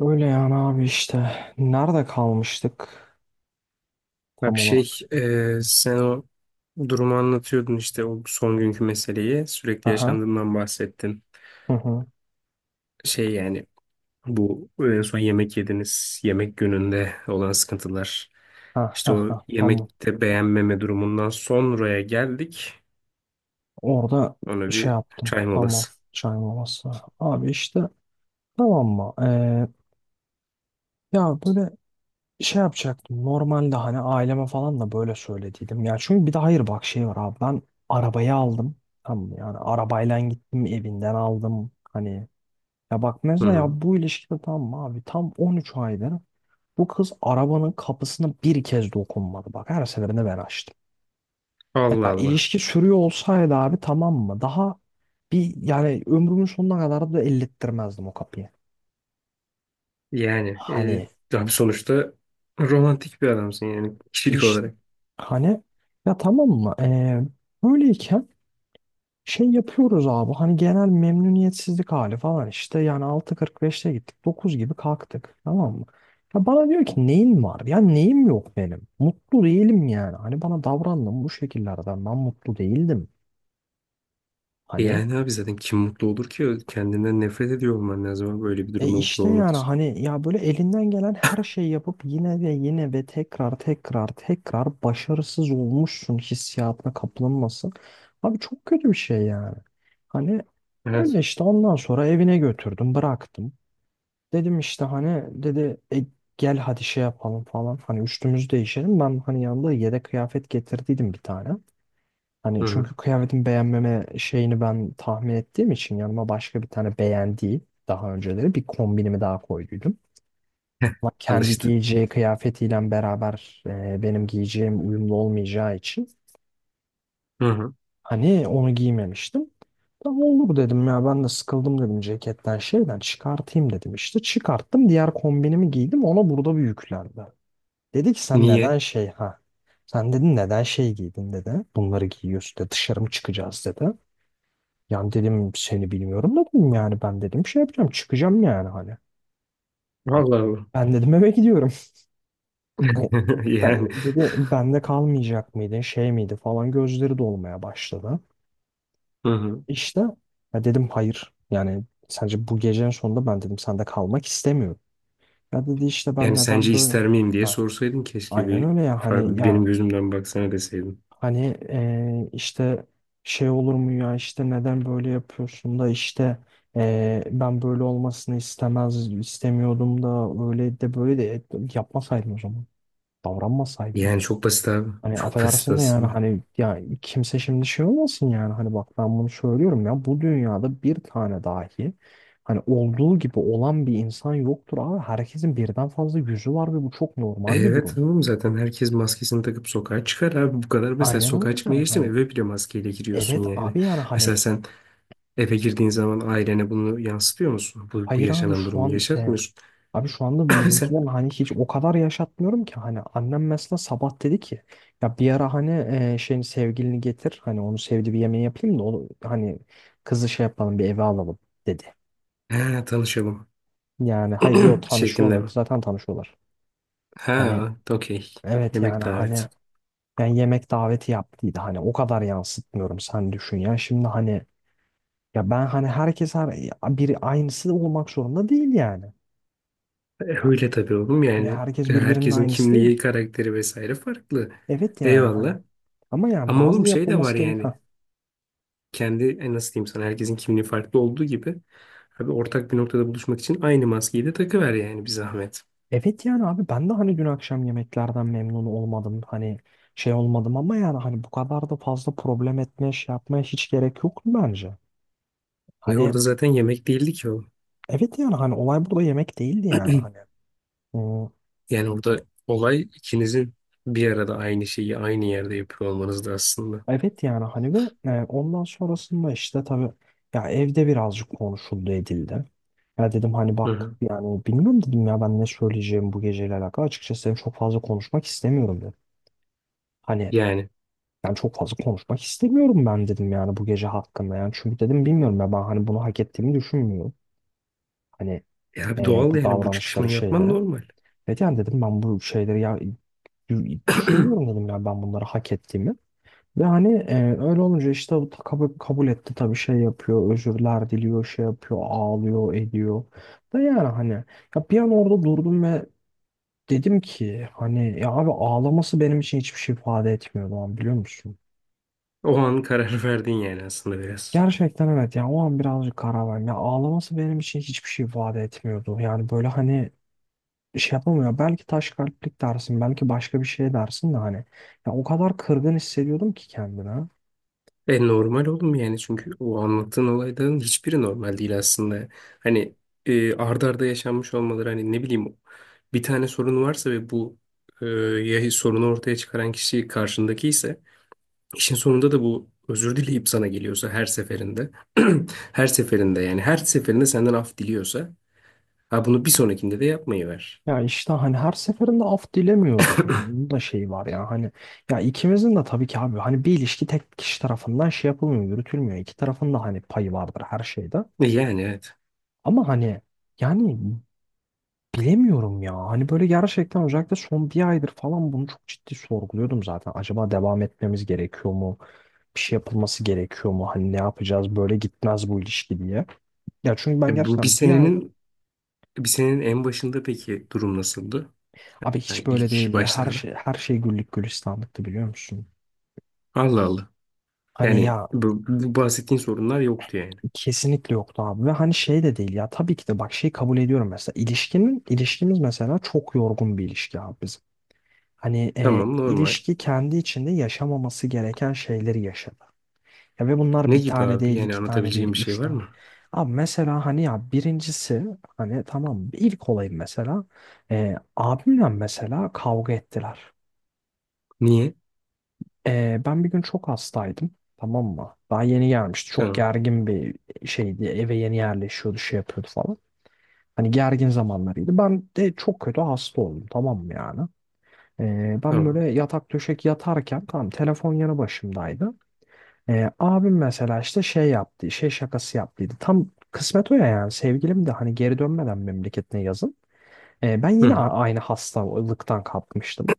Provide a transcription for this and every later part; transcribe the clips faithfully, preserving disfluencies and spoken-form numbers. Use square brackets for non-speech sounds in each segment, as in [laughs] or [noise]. Öyle yani abi işte. Nerede kalmıştık Ya bir tam şey olarak? e, sen o durumu anlatıyordun işte o son günkü meseleyi sürekli Aha. yaşandığından bahsettin. Hı hı. Şey yani bu en son yemek yediniz yemek gününde olan sıkıntılar. Ha, İşte ha, o ha. Tamam. yemekte beğenmeme durumundan sonraya geldik. Orada Ona şey bir yaptım. çay Tamam. molası. Çay molası. Abi işte tamam mı? Ee, ya böyle şey yapacaktım. Normalde hani aileme falan da böyle söylediydim. Ya çünkü bir de hayır bak şey var abi. Ben arabayı aldım. Tamam mı? Yani arabayla gittim evinden aldım. Hani ya bak Hı mesela hı. ya bu ilişkide tam mı abi tam on üç aydır bu kız arabanın kapısına bir kez dokunmadı. Bak her seferinde ben açtım. Allah Ya Allah. ilişki sürüyor olsaydı abi tamam mı? Daha bir yani ömrümün sonuna kadar da ellettirmezdim o kapıyı. Yani Hani e, abi sonuçta romantik bir adamsın yani kişilik işte olarak. hani ya tamam mı? Ee, böyleyken şey yapıyoruz abi hani genel memnuniyetsizlik hali falan işte yani altı kırk beşte gittik dokuz gibi kalktık tamam mı? Ya bana diyor ki neyin var? Ya neyim yok benim. Mutlu değilim yani. Hani bana davrandım bu şekillerden ben mutlu değildim. E Hani yani abi zaten kim mutlu olur ki? Kendinden nefret ediyor olman lazım abi böyle bir e durumda mutlu işte olmak yani için. hani ya böyle elinden gelen her şeyi yapıp yine ve yine ve tekrar tekrar tekrar başarısız olmuşsun hissiyatına kapılınmasın. Abi çok kötü bir şey yani. Hani öyle Evet. işte ondan sonra evine götürdüm, bıraktım. Dedim işte hani dedi "E, gel hadi şey yapalım falan." Hani üstümüzü değişelim. Ben hani yanında yedek kıyafet getirdiydim bir tane. Hani Hı hı. çünkü kıyafetin beğenmeme şeyini ben tahmin ettiğim için yanıma başka bir tane beğendiği daha önceleri bir kombinimi daha koyduydum. Ama [laughs] kendi Alıştı. giyeceği kıyafetiyle beraber e, benim giyeceğim uyumlu olmayacağı için Hı hı. hani onu giymemiştim. Tamam olur dedim ya ben de sıkıldım dedim ceketten şeyden çıkartayım dedim işte. Çıkarttım diğer kombinimi giydim ona burada bir yüklendi. Dedi ki sen Niye? neden şey ha. Sen dedin neden şey giydin dedi. Bunları giyiyorsun dedi dışarı mı çıkacağız dedi. Yani dedim seni bilmiyorum dedim yani ben dedim şey yapacağım çıkacağım yani hani. Allah Allah. Ben dedim eve gidiyorum. [laughs] [laughs] Yani Dedi bende kalmayacak mıydın şey miydi falan gözleri dolmaya başladı. hı hı. İşte ya dedim hayır. Yani sence bu gecenin sonunda ben dedim sende kalmak istemiyorum. Ya dedi işte ben Yani neden sence böyle? ister miyim diye Ha, sorsaydın keşke, aynen bir öyle ya hani farklı ya benim gözümden baksana deseydin. hani eee, işte şey olur mu ya işte neden böyle yapıyorsun da işte eee, ben böyle olmasını istemez istemiyordum da öyle de böyle de yapmasaydın o zaman. Davranmasaydın. Yani çok basit abi. Hani Çok basit affedersin de yani aslında. hani ya kimse şimdi şey olmasın yani hani bak ben bunu söylüyorum ya bu dünyada bir tane dahi hani olduğu gibi olan bir insan yoktur abi herkesin birden fazla yüzü var ve bu çok E, normal bir evet, durum. tamam, zaten herkes maskesini takıp sokağa çıkar abi, bu kadar. Mesela Aynen öyle sokağa çıkmaya yani geçtim, hani eve bile maskeyle giriyorsun evet yani. abi yani Mesela hani sen eve girdiğin zaman ailene bunu yansıtıyor musun? Bu, bu hayır abi yaşanan şu durumu an e, yaşatmıyorsun. abi şu anda [laughs] Sen, bizimkiler hani hiç o kadar yaşatmıyorum ki hani annem mesela sabah dedi ki ya bir ara hani e, şeyin sevgilini getir hani onu sevdiği bir yemeği yapayım da onu hani kızı şey yapalım bir eve alalım dedi. "Ha, tanışalım Yani hayır yo [clears throat] şeklinde tanışıyorlar. mi? Zaten tanışıyorlar. Hani Ha, okey. evet Yemek yani hani davet. yani yemek daveti yaptıydı. Hani o kadar yansıtmıyorum sen düşün ya. Şimdi hani ya ben hani herkes her biri aynısı olmak zorunda değil yani. E, öyle tabii oğlum Hani yani. herkes E, birbirinin herkesin aynısı kimliği, değil. karakteri vesaire farklı. Evet yani hani. Eyvallah. Ama yani Ama oğlum bazı şey de yapılması var gerek. yani. Ha. Kendi e, nasıl diyeyim sana, herkesin kimliği farklı olduğu gibi. Abi ortak bir noktada buluşmak için aynı maskeyi de takıver yani, bir zahmet. Evet yani abi ben de hani dün akşam yemeklerden memnun olmadım. Hani şey olmadım ama yani hani bu kadar da fazla problem etmeye şey yapmaya hiç gerek yok bence. Ve Hani orada zaten yemek değildi ki o. evet yani hani olay burada yemek değildi yani [clears throat] hani. Hmm, Yani orada olay ikinizin bir arada aynı şeyi aynı yerde yapıyor olmanızdı aslında. evet yani hani ve e, ondan sonrasında işte tabii ya evde birazcık konuşuldu edildi. Ya dedim hani Hı bak hı. yani bilmiyorum dedim ya ben ne söyleyeceğim bu geceyle alakalı. Açıkçası dedim çok fazla konuşmak istemiyorum dedim. Hani Yani. ben çok fazla konuşmak istemiyorum ben dedim yani bu gece hakkında yani. Çünkü dedim bilmiyorum ya ben hani bunu hak ettiğimi düşünmüyorum. Hani E abi, e, doğal bu yani, bu davranışları çıkışmayı yapman şeylere. normal. Evet yani dedim ben bu şeyleri ya düşünmüyorum [clears throat] dedim ya ben bunları hak ettiğimi. Ve hani e, öyle olunca işte bu kabul, kabul etti tabii şey yapıyor, özürler diliyor, şey yapıyor, ağlıyor, ediyor. Ve yani hani ya bir an orada durdum ve dedim ki hani ya abi ağlaması benim için hiçbir şey ifade etmiyor o an biliyor musun? O an karar [laughs] verdin yani aslında, biraz. Gerçekten evet yani o an birazcık karar verdim. Ya ağlaması benim için hiçbir şey ifade etmiyordu. Yani böyle hani şey yapamıyor. Belki taş kalplik dersin, belki başka bir şey dersin de hani. Ya o kadar kırgın hissediyordum ki kendime. E normal oğlum yani, çünkü o anlattığın olayların hiçbiri normal değil aslında. Hani e, arda arda yaşanmış olmaları, hani ne bileyim, bir tane sorun varsa ve bu e, ya sorunu ortaya çıkaran kişi karşındaki ise, işin sonunda da bu özür dileyip sana geliyorsa her seferinde [clears throat] her seferinde, yani her seferinde senden af diliyorsa, ha, bunu bir sonrakinde de yapmayı ver. Ya işte hani her seferinde af dilemiyordu. Bunun da şeyi var ya hani ya ikimizin de tabii ki abi hani bir ilişki tek kişi tarafından şey yapılmıyor, yürütülmüyor. İki tarafın da hani payı vardır her şeyde. E, yani evet. Ama hani yani bilemiyorum ya. Hani böyle gerçekten özellikle son bir aydır falan bunu çok ciddi sorguluyordum zaten. Acaba devam etmemiz gerekiyor mu? Bir şey yapılması gerekiyor mu? Hani ne yapacağız? Böyle gitmez bu ilişki diye. Ya çünkü ben E, bu bir gerçekten bir aydır senenin bir senenin en başında peki durum nasıldı? abi hiç Yani böyle ilk değildi. Her başlarda. Şey her şey güllük gülistanlıktı biliyor musun? Allah Allah. Hani Yani ya bu, bu bahsettiğin sorunlar yoktu yani. kesinlikle yoktu abi ve hani şey de değil ya tabii ki de bak şey kabul ediyorum mesela ilişkinin ilişkimiz mesela çok yorgun bir ilişki abi bizim. Hani e, Tamam, normal. ilişki kendi içinde yaşamaması gereken şeyleri yaşadı. Ya ve bunlar Ne bir gibi tane abi? değil Yani iki tane değil anlatabileceğim bir üç şey var tane. mı? Abi mesela hani ya birincisi hani tamam ilk olayım mesela e, abimle mesela kavga ettiler. Niye? E, ben bir gün çok hastaydım tamam mı? Daha yeni gelmişti çok Tamam. gergin bir şeydi eve yeni yerleşiyordu şey yapıyordu falan. Hani gergin zamanlarıydı. Ben de çok kötü hasta oldum tamam mı yani? Ee, ben Tamam. böyle yatak döşek yatarken tamam telefon yanı başımdaydı. Ee, abim mesela işte şey yaptı, şey şakası yaptıydı. Tam kısmet o ya yani sevgilim de hani geri dönmeden memleketine yazın. Ee, ben Hı yine hı. a- aynı hastalıktan kapmıştım.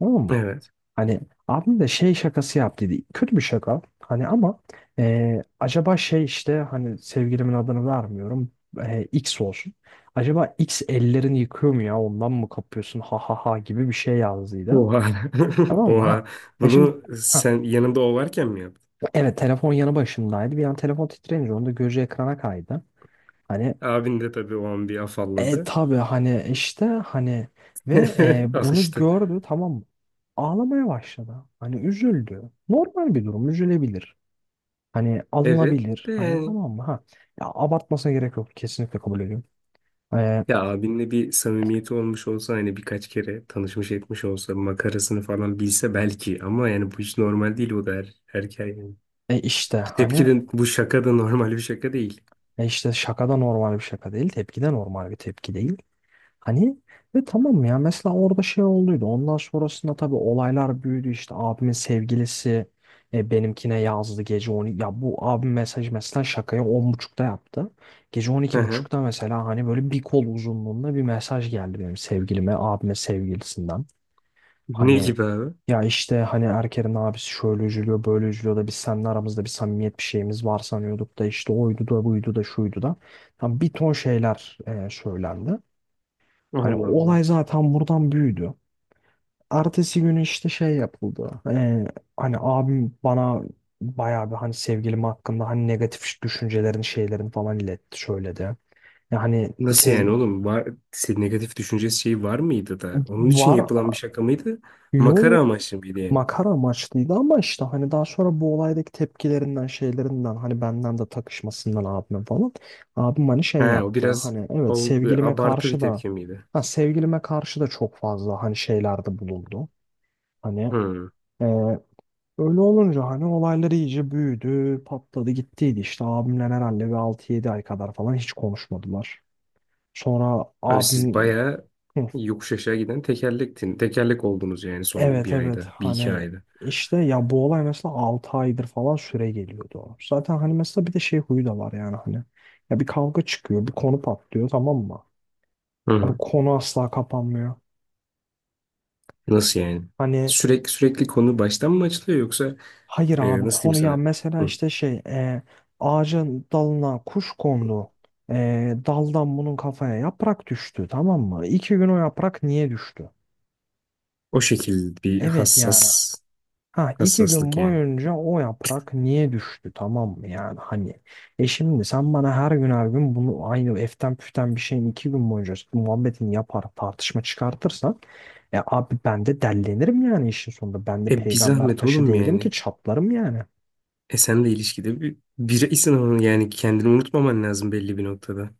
Tamam Evet. hani abim de şey şakası yaptıydı. Kötü bir şaka. Hani ama e, acaba şey işte hani sevgilimin adını vermiyorum. E, X olsun. Acaba X ellerini yıkıyor mu ya ondan mı kapıyorsun ha ha ha gibi bir şey yazdıydı. Oha. [laughs] Tamam mı Oha. ha? Ya şimdi Bunu ha, sen yanında o varken mi yaptın? evet telefon yanı başımdaydı. Bir an telefon titreyince onun da gözü ekrana kaydı. Hani Abin de tabii o an bir e afalladı. tabii hani işte hani ve e, [laughs] bunu Alıştı. gördü tamam mı? Ağlamaya başladı. Hani üzüldü. Normal bir durum üzülebilir. Hani Evet alınabilir. de Hani yani. tamam mı? Ha. Ya abartmasına gerek yok. Kesinlikle kabul ediyorum. Ee, Ya abinle bir samimiyeti olmuş olsa, hani birkaç kere tanışmış etmiş olsa, makarasını falan bilse belki, ama yani bu hiç normal değil o da, her erkeğe. e işte Tepki hani de, bu şaka da normal bir şaka değil. e işte şaka da normal bir şaka değil. Tepki de normal bir tepki değil. Hani ve tamam ya mesela orada şey olduydu. Ondan sonrasında tabii olaylar büyüdü. İşte abimin sevgilisi e, benimkine yazdı gece on. Ya bu abim mesaj mesela şakayı on buçukta yaptı. Gece on Hı iki hı. buçukta mesela hani böyle bir kol uzunluğunda bir mesaj geldi benim sevgilime, abime sevgilisinden. Ne Hani gibi abi? ya işte hani Erker'in abisi şöyle üzülüyor böyle üzülüyor da biz seninle aramızda bir samimiyet bir şeyimiz var sanıyorduk da işte oydu da buydu da şuydu da. Tam bir ton şeyler e, söylendi. Hani Allah Allah. olay zaten buradan büyüdü. Ertesi günü işte şey yapıldı. E, hani abim bana bayağı bir hani sevgilim hakkında hani negatif düşüncelerini şeylerini falan iletti söyledi. Yani Nasıl sev yani oğlum? Var, senin negatif düşünce şeyi var mıydı da? Onun için var. yapılan bir şaka mıydı? Makara Yo, amaçlı mıydı yani? makara amaçlıydı ama işte hani daha sonra bu olaydaki tepkilerinden şeylerinden hani benden de takışmasından abime falan abim hani şey Ha, o yaptı biraz hani evet o, e, sevgilime abartı bir karşı da tepki miydi? ha, sevgilime karşı da çok fazla hani şeylerde bulundu hani Hmm. e, öyle olunca hani olaylar iyice büyüdü patladı gittiydi işte abimle herhalde bir altı yedi ay kadar falan hiç konuşmadılar sonra Abi siz abim. bayağı yokuş aşağı giden tekerlektin. Tekerlek oldunuz yani, son Evet bir evet ayda, bir iki hani ayda. işte ya bu olay mesela altı aydır falan süre geliyordu. Zaten hani mesela bir de şey huyu da var yani hani ya bir kavga çıkıyor bir konu patlıyor tamam mı? Hı Abi hı. konu asla kapanmıyor. Nasıl yani? Hani Sürekli sürekli konu baştan mı açılıyor, yoksa hayır e, abi nasıl diyeyim konu ya sana? mesela Hı. işte şey e, ağacın dalına kuş kondu. E, daldan bunun kafaya yaprak düştü tamam mı? İki gün o yaprak niye düştü? O şekilde bir Evet yani hassas. ha iki gün Hassaslık yani. boyunca o yaprak niye düştü tamam mı yani hani e şimdi sen bana her gün her gün bunu aynı eften püften bir şeyin iki gün boyunca muhabbetini yapar tartışma çıkartırsan e abi ben de dellenirim yani işin sonunda ben de E bir peygamber zahmet taşı oğlum değilim ki yani. çatlarım yani. E sen de ilişkide bir bireysin ama yani, kendini unutmaman lazım belli bir noktada.